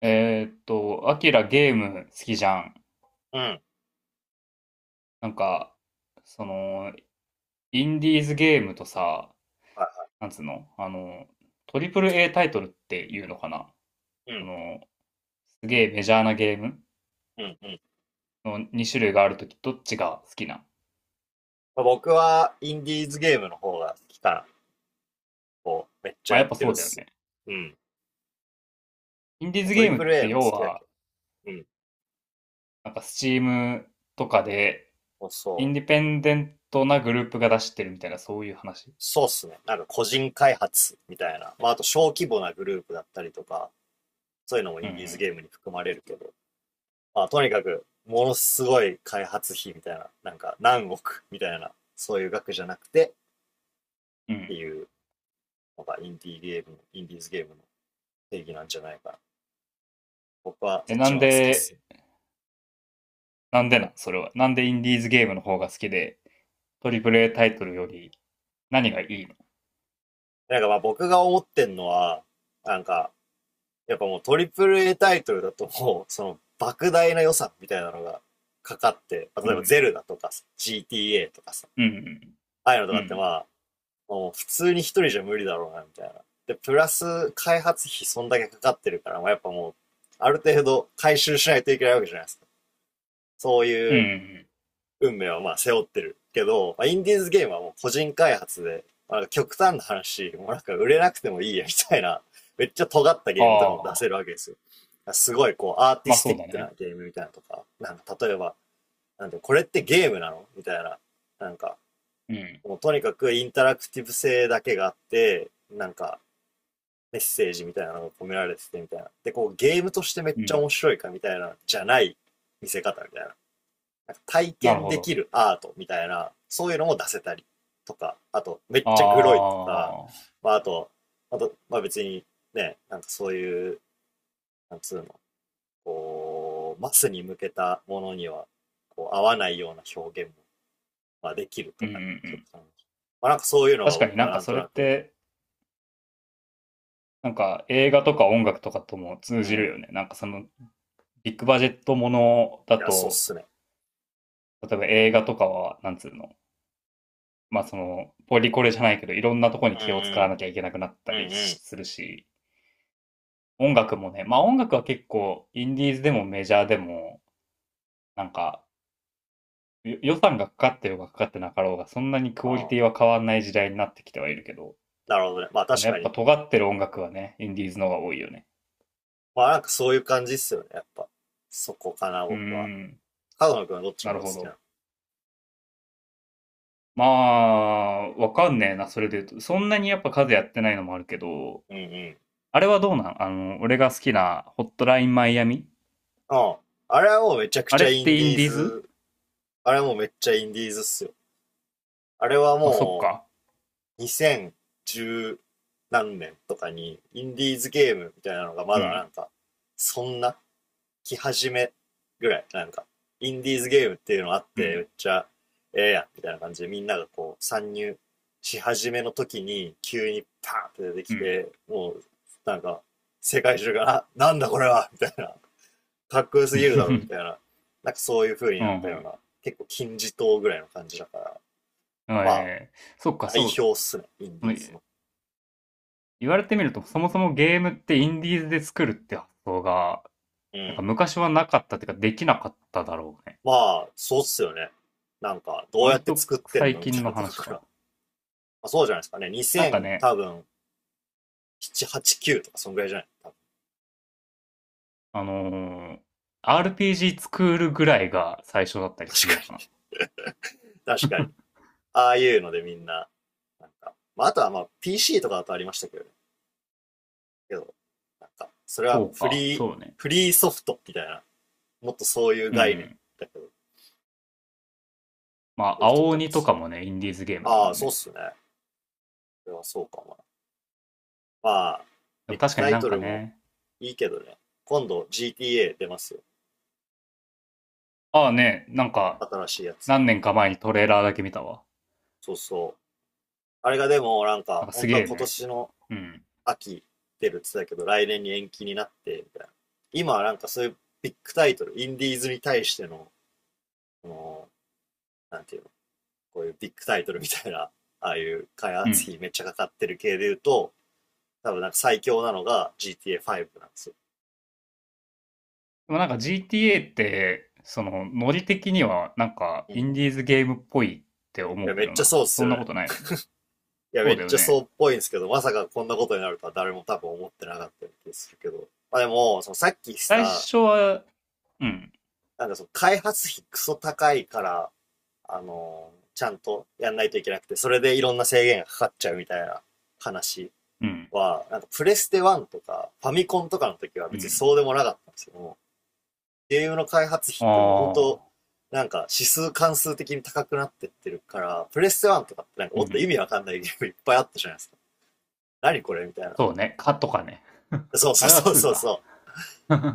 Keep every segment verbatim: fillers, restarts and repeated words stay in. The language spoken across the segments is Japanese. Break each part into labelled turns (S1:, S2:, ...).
S1: えーっと、アキラ、ゲーム好きじゃん。
S2: うん。
S1: なんか、その、インディーズゲームとさ、
S2: は
S1: なんつうのあの、トリプル A タイトルっていうのかな。
S2: い。う
S1: そ
S2: ん。
S1: の、すげえメジャーなゲーム
S2: うんうん。
S1: のにしゅるい種類があるとき、どっちが好きな？
S2: まあ僕は、インディーズゲームの方が期た、こう、めっちゃ
S1: まあ
S2: や
S1: やっ
S2: っ
S1: ぱ
S2: て
S1: そ
S2: るっ
S1: うだよ
S2: す。
S1: ね。
S2: うん。
S1: インディー
S2: まあ
S1: ズ
S2: ト
S1: ゲ
S2: リ
S1: ームっ
S2: プル A
S1: て
S2: の好
S1: 要
S2: きだけ
S1: は、
S2: ど。うん。
S1: なんかスチームとかで、
S2: そう
S1: イン
S2: そう。
S1: ディペンデントなグループが出してるみたいな、そういう話。
S2: そうっすね。なんか個人開発みたいな。まあ、あと小規模なグループだったりとか、そういうのも
S1: う
S2: インディーズ
S1: ん
S2: ゲームに含まれるけど。まあ、とにかく、ものすごい開発費みたいな、なんか何億みたいな、そういう額じゃなくてっ
S1: うん。う
S2: て
S1: ん。
S2: いうのがインディーゲーム、インディーズゲームの定義なんじゃないかな。僕は
S1: え、
S2: そっち
S1: な
S2: の
S1: ん
S2: 方が好きっす
S1: で、
S2: ね。
S1: なんでなそれは。なんでインディーズゲームの方が好きで、トリプル a タイトルより何がいいの？
S2: なんかまあ僕が思ってんのは、なんか、やっぱもうトリプル A タイトルだともう、その莫大な予算みたいなのがかかって、例
S1: う
S2: えば
S1: ん。
S2: ゼルダとかさ ジーティーエー とかさ、
S1: うん。
S2: ああいうのと
S1: う
S2: かってま
S1: ん。
S2: あ、もう普通に一人じゃ無理だろうな、みたいな。で、プラス開発費そんだけかかってるから、まあやっぱもう、ある程度回収しないといけないわけじゃないですか。そう
S1: う
S2: い
S1: ん。う
S2: う
S1: ん。
S2: 運命はまあ背負ってるけど、まあ、インディーズゲームはもう個人開発で、まあ、極端な話、もうなんか売れなくてもいいやみたいな、めっちゃ尖った
S1: あ
S2: ゲームとかも出せるわ
S1: あ。
S2: けですよ。すごいこうアーティ
S1: まあ
S2: ステ
S1: そ
S2: ィ
S1: う
S2: ッ
S1: だ
S2: クな
S1: ね。
S2: ゲームみたいなとか、なんか例えば、なんてこれってゲームなのみたいな、なんか、
S1: うん。
S2: もうとにかくインタラクティブ性だけがあって、なんかメッセージみたいなのが込められててみたいな。で、こうゲームとしてめっ
S1: う
S2: ちゃ
S1: ん。
S2: 面白いかみたいな、じゃない見せ方みたいな。体
S1: なる
S2: 験
S1: ほ
S2: でき
S1: ど。
S2: るアートみたいな、そういうのも出せたりとか、あと、めっ
S1: あ
S2: ちゃグロいとか、
S1: あ。
S2: まあ、あと、あと、まあ別にね、なんかそういう、なんつうの、こう、マスに向けたものには、こう、合わないような表現も、まあ、できる
S1: う
S2: と
S1: んうんう
S2: かね、極
S1: ん。
S2: 端に。まあなんかそういうのが
S1: 確かに
S2: 僕
S1: な
S2: は
S1: んか
S2: なん
S1: そ
S2: と
S1: れっ
S2: なく、
S1: て、なんか映画とか音楽とかとも通
S2: うん、
S1: じ
S2: い
S1: るよね。なんかそのビッグバジェットものだ
S2: や、そうっ
S1: と、
S2: すね。
S1: 例えば映画とかは、なんつうの、まあその、ポリコレじゃないけど、いろんなとこ
S2: う
S1: に気を使わ
S2: ん
S1: なきゃいけなくなった
S2: うん、う
S1: り
S2: んう
S1: するし、音楽もね、まあ音楽は結構、インディーズでもメジャーでも、なんか、よ予算がかかってようがかかってなかろうが、そんなにク
S2: ん、
S1: オ
S2: う
S1: リ
S2: ん。
S1: ティは変わんない時代になってきてはいるけど、
S2: なるほどね。まあ
S1: その
S2: 確
S1: や
S2: か
S1: っぱ
S2: に。
S1: 尖ってる音楽はね、インディーズの方が多いよね。
S2: まあなんかそういう感じっすよね、やっぱ。そこかな、
S1: うー
S2: 僕は。
S1: ん、
S2: 角野くんはどっち
S1: な
S2: の方
S1: る
S2: が好
S1: ほ
S2: きなの。
S1: ど。まあ、わかんねえな、それで言うと。そんなにやっぱ数やってないのもあるけど、
S2: うんうん。
S1: あれはどうなんあの、俺が好きなホットラインマイアミ。
S2: うん。あれはもうめちゃく
S1: あ
S2: ち
S1: れ
S2: ゃ
S1: っ
S2: イン
S1: て
S2: デ
S1: イン
S2: ィー
S1: ディーズ？
S2: ズ、あれはもうめっちゃインディーズっすよ。あれは
S1: まあ、そっ
S2: も
S1: か。
S2: うにせんじゅう何年とかにインディーズゲームみたいなのが
S1: う
S2: まだ
S1: ん、
S2: なんか、そんな来始めぐらい、なんか、インディーズゲームっていうのあっ
S1: う
S2: てめ
S1: ん、
S2: っちゃええやんみたいな感じでみんながこう参入し始めの時に急にパーンって出て
S1: う
S2: き
S1: ん。
S2: て、もうなんか世界中が、なんだこれはみたいなかっこよすぎるだろうみたい な、なんかそういう風に
S1: う
S2: なったよう
S1: ん、
S2: な、結構金字塔ぐらいの感じだから、
S1: うん。
S2: まあ、
S1: ええ、そっか、
S2: 代
S1: そ
S2: 表っすね、イン
S1: う。
S2: ディ
S1: の、
S2: ーズの。
S1: 言われてみると、そもそもゲームってインディーズで作るって発想が、
S2: う
S1: なんか
S2: ん。
S1: 昔はなかったっていうか、できなかっただろうね。
S2: まあ、そうっすよね。なんか、どうやっ
S1: 割
S2: て
S1: と
S2: 作ってん
S1: 最
S2: のみた
S1: 近
S2: い
S1: の
S2: なとこ
S1: 話
S2: から。
S1: か。
S2: まあ、そうじゃないですかね。
S1: なんか
S2: にせん
S1: ね、
S2: 多分、なな、はち、きゅうとかそんぐらいじゃない多分。
S1: あのー アールピージー 作るぐらいが最初だったり
S2: 確
S1: するの
S2: か
S1: か
S2: に。確かに。
S1: な。
S2: ああいうのでみんな、なんか、まあ、あとはまあ、ピーシー とかだとありましたけどね。けど、なんか、それは
S1: そう
S2: フ
S1: か、
S2: リー、
S1: そうね。
S2: フリーソフトみたいな、もっとそういう
S1: う
S2: 概念
S1: ん。
S2: だけど、そ
S1: ま
S2: うい
S1: あ、
S2: う人
S1: 青
S2: た
S1: 鬼と
S2: ち
S1: かもね、インディーズゲームだ
S2: あ
S1: も
S2: あ、
S1: ん
S2: そうっ
S1: ね。
S2: すね。それはそうかも。まあ、
S1: で
S2: ビ
S1: も
S2: ッグ
S1: 確か
S2: タ
S1: に
S2: イ
S1: なん
S2: ト
S1: か
S2: ルも
S1: ね、
S2: いいけどね。今度 ジーティーエー 出ますよ。
S1: ああね、なんか、
S2: 新しいやつ。
S1: 何年か前にトレーラーだけ見たわ。
S2: そうそう。あれがでもなん
S1: な
S2: か、
S1: んかす
S2: 本当
S1: げ
S2: は
S1: え
S2: 今
S1: ね。
S2: 年の
S1: うん。
S2: 秋出るって言ってたけど、来年に延期になって、みたいな。今はなんかそういうビッグタイトル、インディーズに対しての、この、なんていうの、こういうビッグタイトルみたいな、ああいう開
S1: う
S2: 発
S1: ん。
S2: 費めっちゃかかってる系で言うと、多分なんか最強なのが ジーティーエーファイブ なんですよ。
S1: でもなんか ジーティーエー って、その、ノリ的にはなんか
S2: うん。
S1: イ
S2: い
S1: ンディーズゲームっぽいって思
S2: や、
S1: う
S2: め
S1: け
S2: っ
S1: ど
S2: ちゃ
S1: な。
S2: そうっす
S1: そん
S2: よ
S1: な
S2: ね。
S1: ことないの？
S2: いや、
S1: そ
S2: め
S1: う
S2: っ
S1: だよ
S2: ちゃそう
S1: ね。
S2: っぽいんですけど、まさかこんなことになるとは誰も多分思ってなかった気するけど。まあでも、そのさっきし
S1: 最
S2: た、
S1: 初は、うん、
S2: なんかその開発費クソ高いから、あのー、ちゃんとやんないといけなくて、それでいろんな制限がかかっちゃうみたいな話
S1: うん、
S2: は、なんかプレステいちとかファミコンとかの時は
S1: う
S2: 別に
S1: ん。
S2: そうでもなかったんですけども、ゲームの開発費っ
S1: あ
S2: てもう本当
S1: あ、
S2: なんか指数関数的に高くなってってるから、プレステいちとかってなんか
S1: う
S2: もっと意
S1: ん。
S2: 味わかんないゲームいっぱいあったじゃないですか。何これみたいな。
S1: そうね。かとかね。
S2: そう
S1: あ
S2: そう
S1: れは
S2: そう
S1: ツー
S2: そう
S1: か？
S2: そう。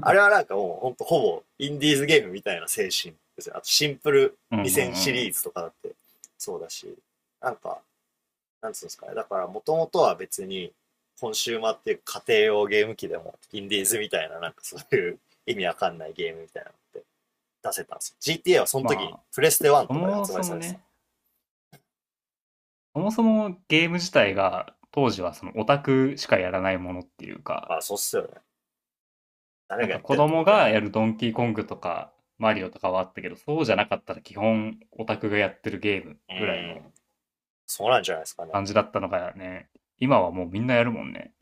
S2: あれはなんかもうほんとほぼインディーズゲームみたいな精神ですよ。あとシンプル
S1: うんうんう
S2: にせんシリー
S1: ん。
S2: ズとかだってそうだし、なんか、なんつうんですかね。だからもともとは別にコンシューマーっていう家庭用ゲーム機でもインディーズみたいななんかそういう意味わかんないゲームみたいなのって出せたんですよ。ジーティーエー はその時に
S1: まあ、
S2: プレステいち
S1: そ
S2: とかで
S1: も
S2: 発売
S1: そ
S2: さ
S1: も
S2: れてた。
S1: ね、そもそもゲーム自体が当時はそのオタクしかやらないものっていうか、
S2: まあそうっすよね。誰
S1: なん
S2: がや
S1: か
S2: っ
S1: 子
S2: てんのみ
S1: 供
S2: たいな。
S1: が
S2: う
S1: やるドンキーコングとかマリオとかはあったけど、そうじゃなかったら基本オタクがやってるゲームぐらい
S2: ーん。
S1: の
S2: そうなんじゃないですかね。
S1: 感じだったのがね、今はもうみんなやるもんね。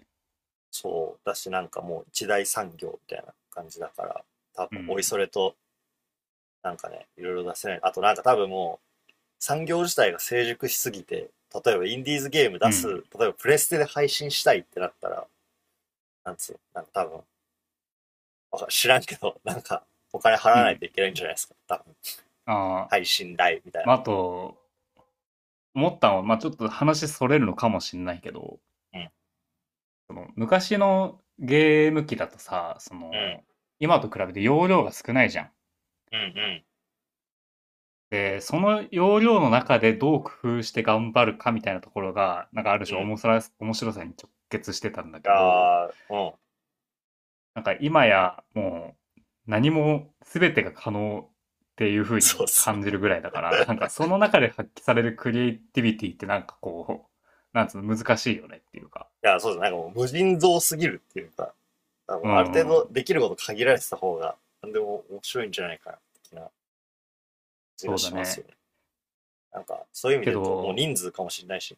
S2: そうだし、なんかもう一大産業みたいな感じだから、多
S1: う
S2: 分、おい
S1: ん。
S2: それと、なんかね、いろいろ出せない。あとなんか多分もう、産業自体が成熟しすぎて、例えばインディーズゲーム
S1: う
S2: 出す、
S1: ん。
S2: 例えばプレステで配信したいってなったら、なんつうの、なんか多分、わか知らんけど、なんか、お金払
S1: う
S2: わない
S1: ん。
S2: といけないんじゃないですか。多分、
S1: ああ、
S2: 配信代みたい
S1: まあ、
S2: な。
S1: あと、思ったのは、まあ、ちょっと話それるのかもしれないけど、
S2: うん、
S1: その昔のゲーム機だとさ、そ
S2: うん、
S1: の、今と比べて容量が少ないじゃん。
S2: うん、
S1: で、その要領の中でどう工夫して頑張るかみたいなところが、なんかある
S2: うん、う
S1: 種
S2: ん。い
S1: 面白さ面白さに直結してたんだけど、
S2: やー、うん。
S1: なんか今やもう何も全てが可能っていう風
S2: そうっ
S1: に
S2: すね。
S1: 感じるぐらいだから、なんかその中で発揮されるクリエイティビティってなんかこう、なんつうの難しいよねっていうか。
S2: いや、そうですね。なんかもう無人蔵すぎるっていうか、あ
S1: う
S2: の、
S1: ん
S2: ある
S1: う
S2: 程度
S1: ん、
S2: できること限られてた方が、なんでも面白いんじゃないかな、的な気が
S1: そうだ
S2: しますよ
S1: ね。
S2: ね。なんか、そういう意味
S1: け
S2: で言うと、もう
S1: ど、
S2: 人数かもしれないし、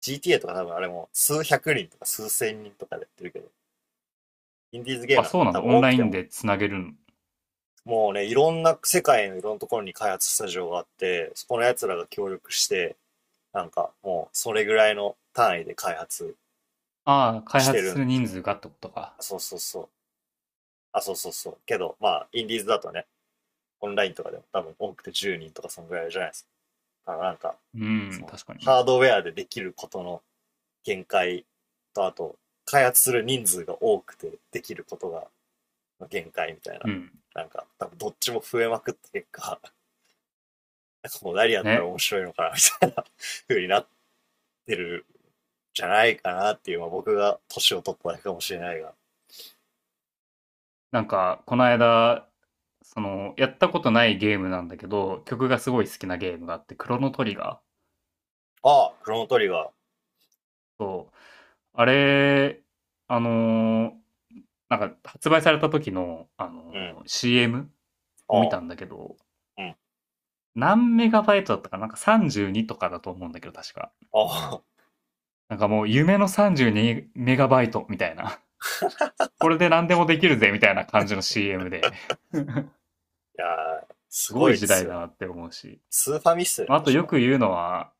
S2: ジーティーエー とか多分あれもすうひゃくにんとかすうせんにんとかでやってるけど、インディーズゲー
S1: あ、
S2: ムなん
S1: そう
S2: て
S1: なん
S2: 多
S1: だ。
S2: 分
S1: オン
S2: 多く
S1: ライ
S2: て
S1: ン
S2: も、
S1: でつなげるの？
S2: もうね、いろんな世界のいろんなところに開発スタジオがあって、そこの奴らが協力して、なんかもうそれぐらいの単位で開発
S1: ああ、開
S2: して
S1: 発
S2: るん
S1: す
S2: で
S1: る
S2: す。
S1: 人数がってことか。
S2: そうそうそう。あ、そうそうそう。けど、まあ、インディーズだとね、オンラインとかでも多分多くてじゅうにんとかそのぐらいじゃないですか。だからなんか、
S1: うん、
S2: その、
S1: 確かに
S2: ハ
S1: ね。
S2: ードウェアでできることの限界と、あと、開発する人数が多くてできることが限界みたいな。
S1: うん。
S2: なんか、多分どっちも増えまくった結果、なんかもう何やったら
S1: ね。
S2: 面白いのかな、みたいな風になってるんじゃないかなっていう、まあ僕が年を取っただけかもしれないが。
S1: なんか、この間、その、やったことないゲームなんだけど、曲がすごい好きなゲームがあって、クロノトリガー。
S2: ああ、クロノトリガー。
S1: そう。あれ、あのーなんか、発売された時の、あ
S2: うん。
S1: のー シーエム を見
S2: あ
S1: た
S2: あ、
S1: んだけど、
S2: うん。
S1: 何メガバイトだったかななんかさんじゅうにとかだと思うんだけど、確か。
S2: ああ。
S1: なんかもう、夢のさんじゅうにメガバイトみたいな。これで何でもできるぜ、みたいな感じの シーエム で。
S2: いやー、
S1: す
S2: す
S1: ご
S2: ご
S1: い
S2: いで
S1: 時
S2: す
S1: 代
S2: よ
S1: だ
S2: ね。
S1: なって思うし。
S2: スーファミっすよね、
S1: まあ、あと
S2: 確
S1: よ
S2: か。
S1: く言うのは、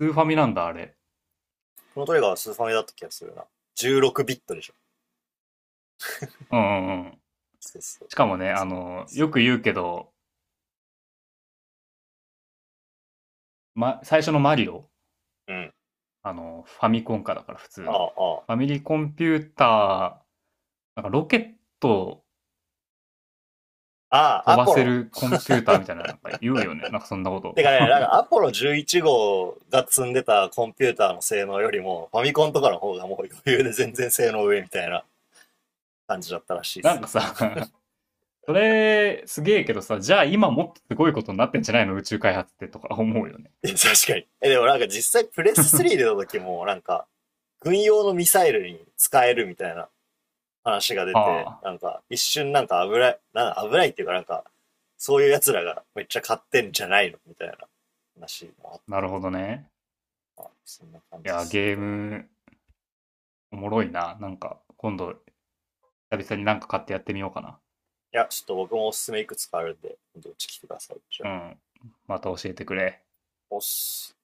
S1: スーファミなんだ、あれ。
S2: クロノトリガーはスーファミだった気がするな。じゅうろくビットでしょ。
S1: うんうんうん。
S2: そうそう。
S1: しか
S2: な
S1: も
S2: んか
S1: ね、あ
S2: そんな感
S1: の、
S2: じ。
S1: よく言うけど、ま、最初のマリオ、
S2: うん。
S1: あの、ファミコンかだから普通
S2: あ
S1: の。
S2: あ、あ
S1: ファミリーコンピューター、なんかロケットを
S2: あ。ああ、
S1: 飛
S2: ア
S1: ば
S2: ポ
S1: せ
S2: ロ。
S1: るコンピューターみたいななんか言うよね。なんかそんなこと。
S2: てかね、なんかアポロじゅういち号が積んでたコンピューターの性能よりも、ファミコンとかの方がもう余裕で全然性能上みたいな感じだったらしい っ
S1: な
S2: す
S1: ん
S2: よ。
S1: かさ、それすげえけどさ、じゃあ今もっとすごいことになってんじゃないの宇宙開発って、とか思うよね。
S2: いや確かに。え、でもなんか実際プレステスリー出た 時も、なんか、軍用のミサイルに使えるみたいな話が出て、
S1: ああ、
S2: なんか一瞬なんか危ない、なんか危ないっていうかなんか、そういう奴らがめっちゃ買ってんじゃないのみたいな話もあっ
S1: な
S2: た気
S1: る
S2: が。
S1: ほどね。
S2: あ、そんな感
S1: い
S2: じで
S1: や、
S2: すね。
S1: ゲー
S2: では。
S1: ムおもろいな。なんか今度久々になんか買ってやってみようかな。
S2: いや、ちょっと僕もおすすめいくつかあるんで、どっち来てください。じゃ
S1: う
S2: あ、
S1: ん。また教えてくれ。
S2: おっす。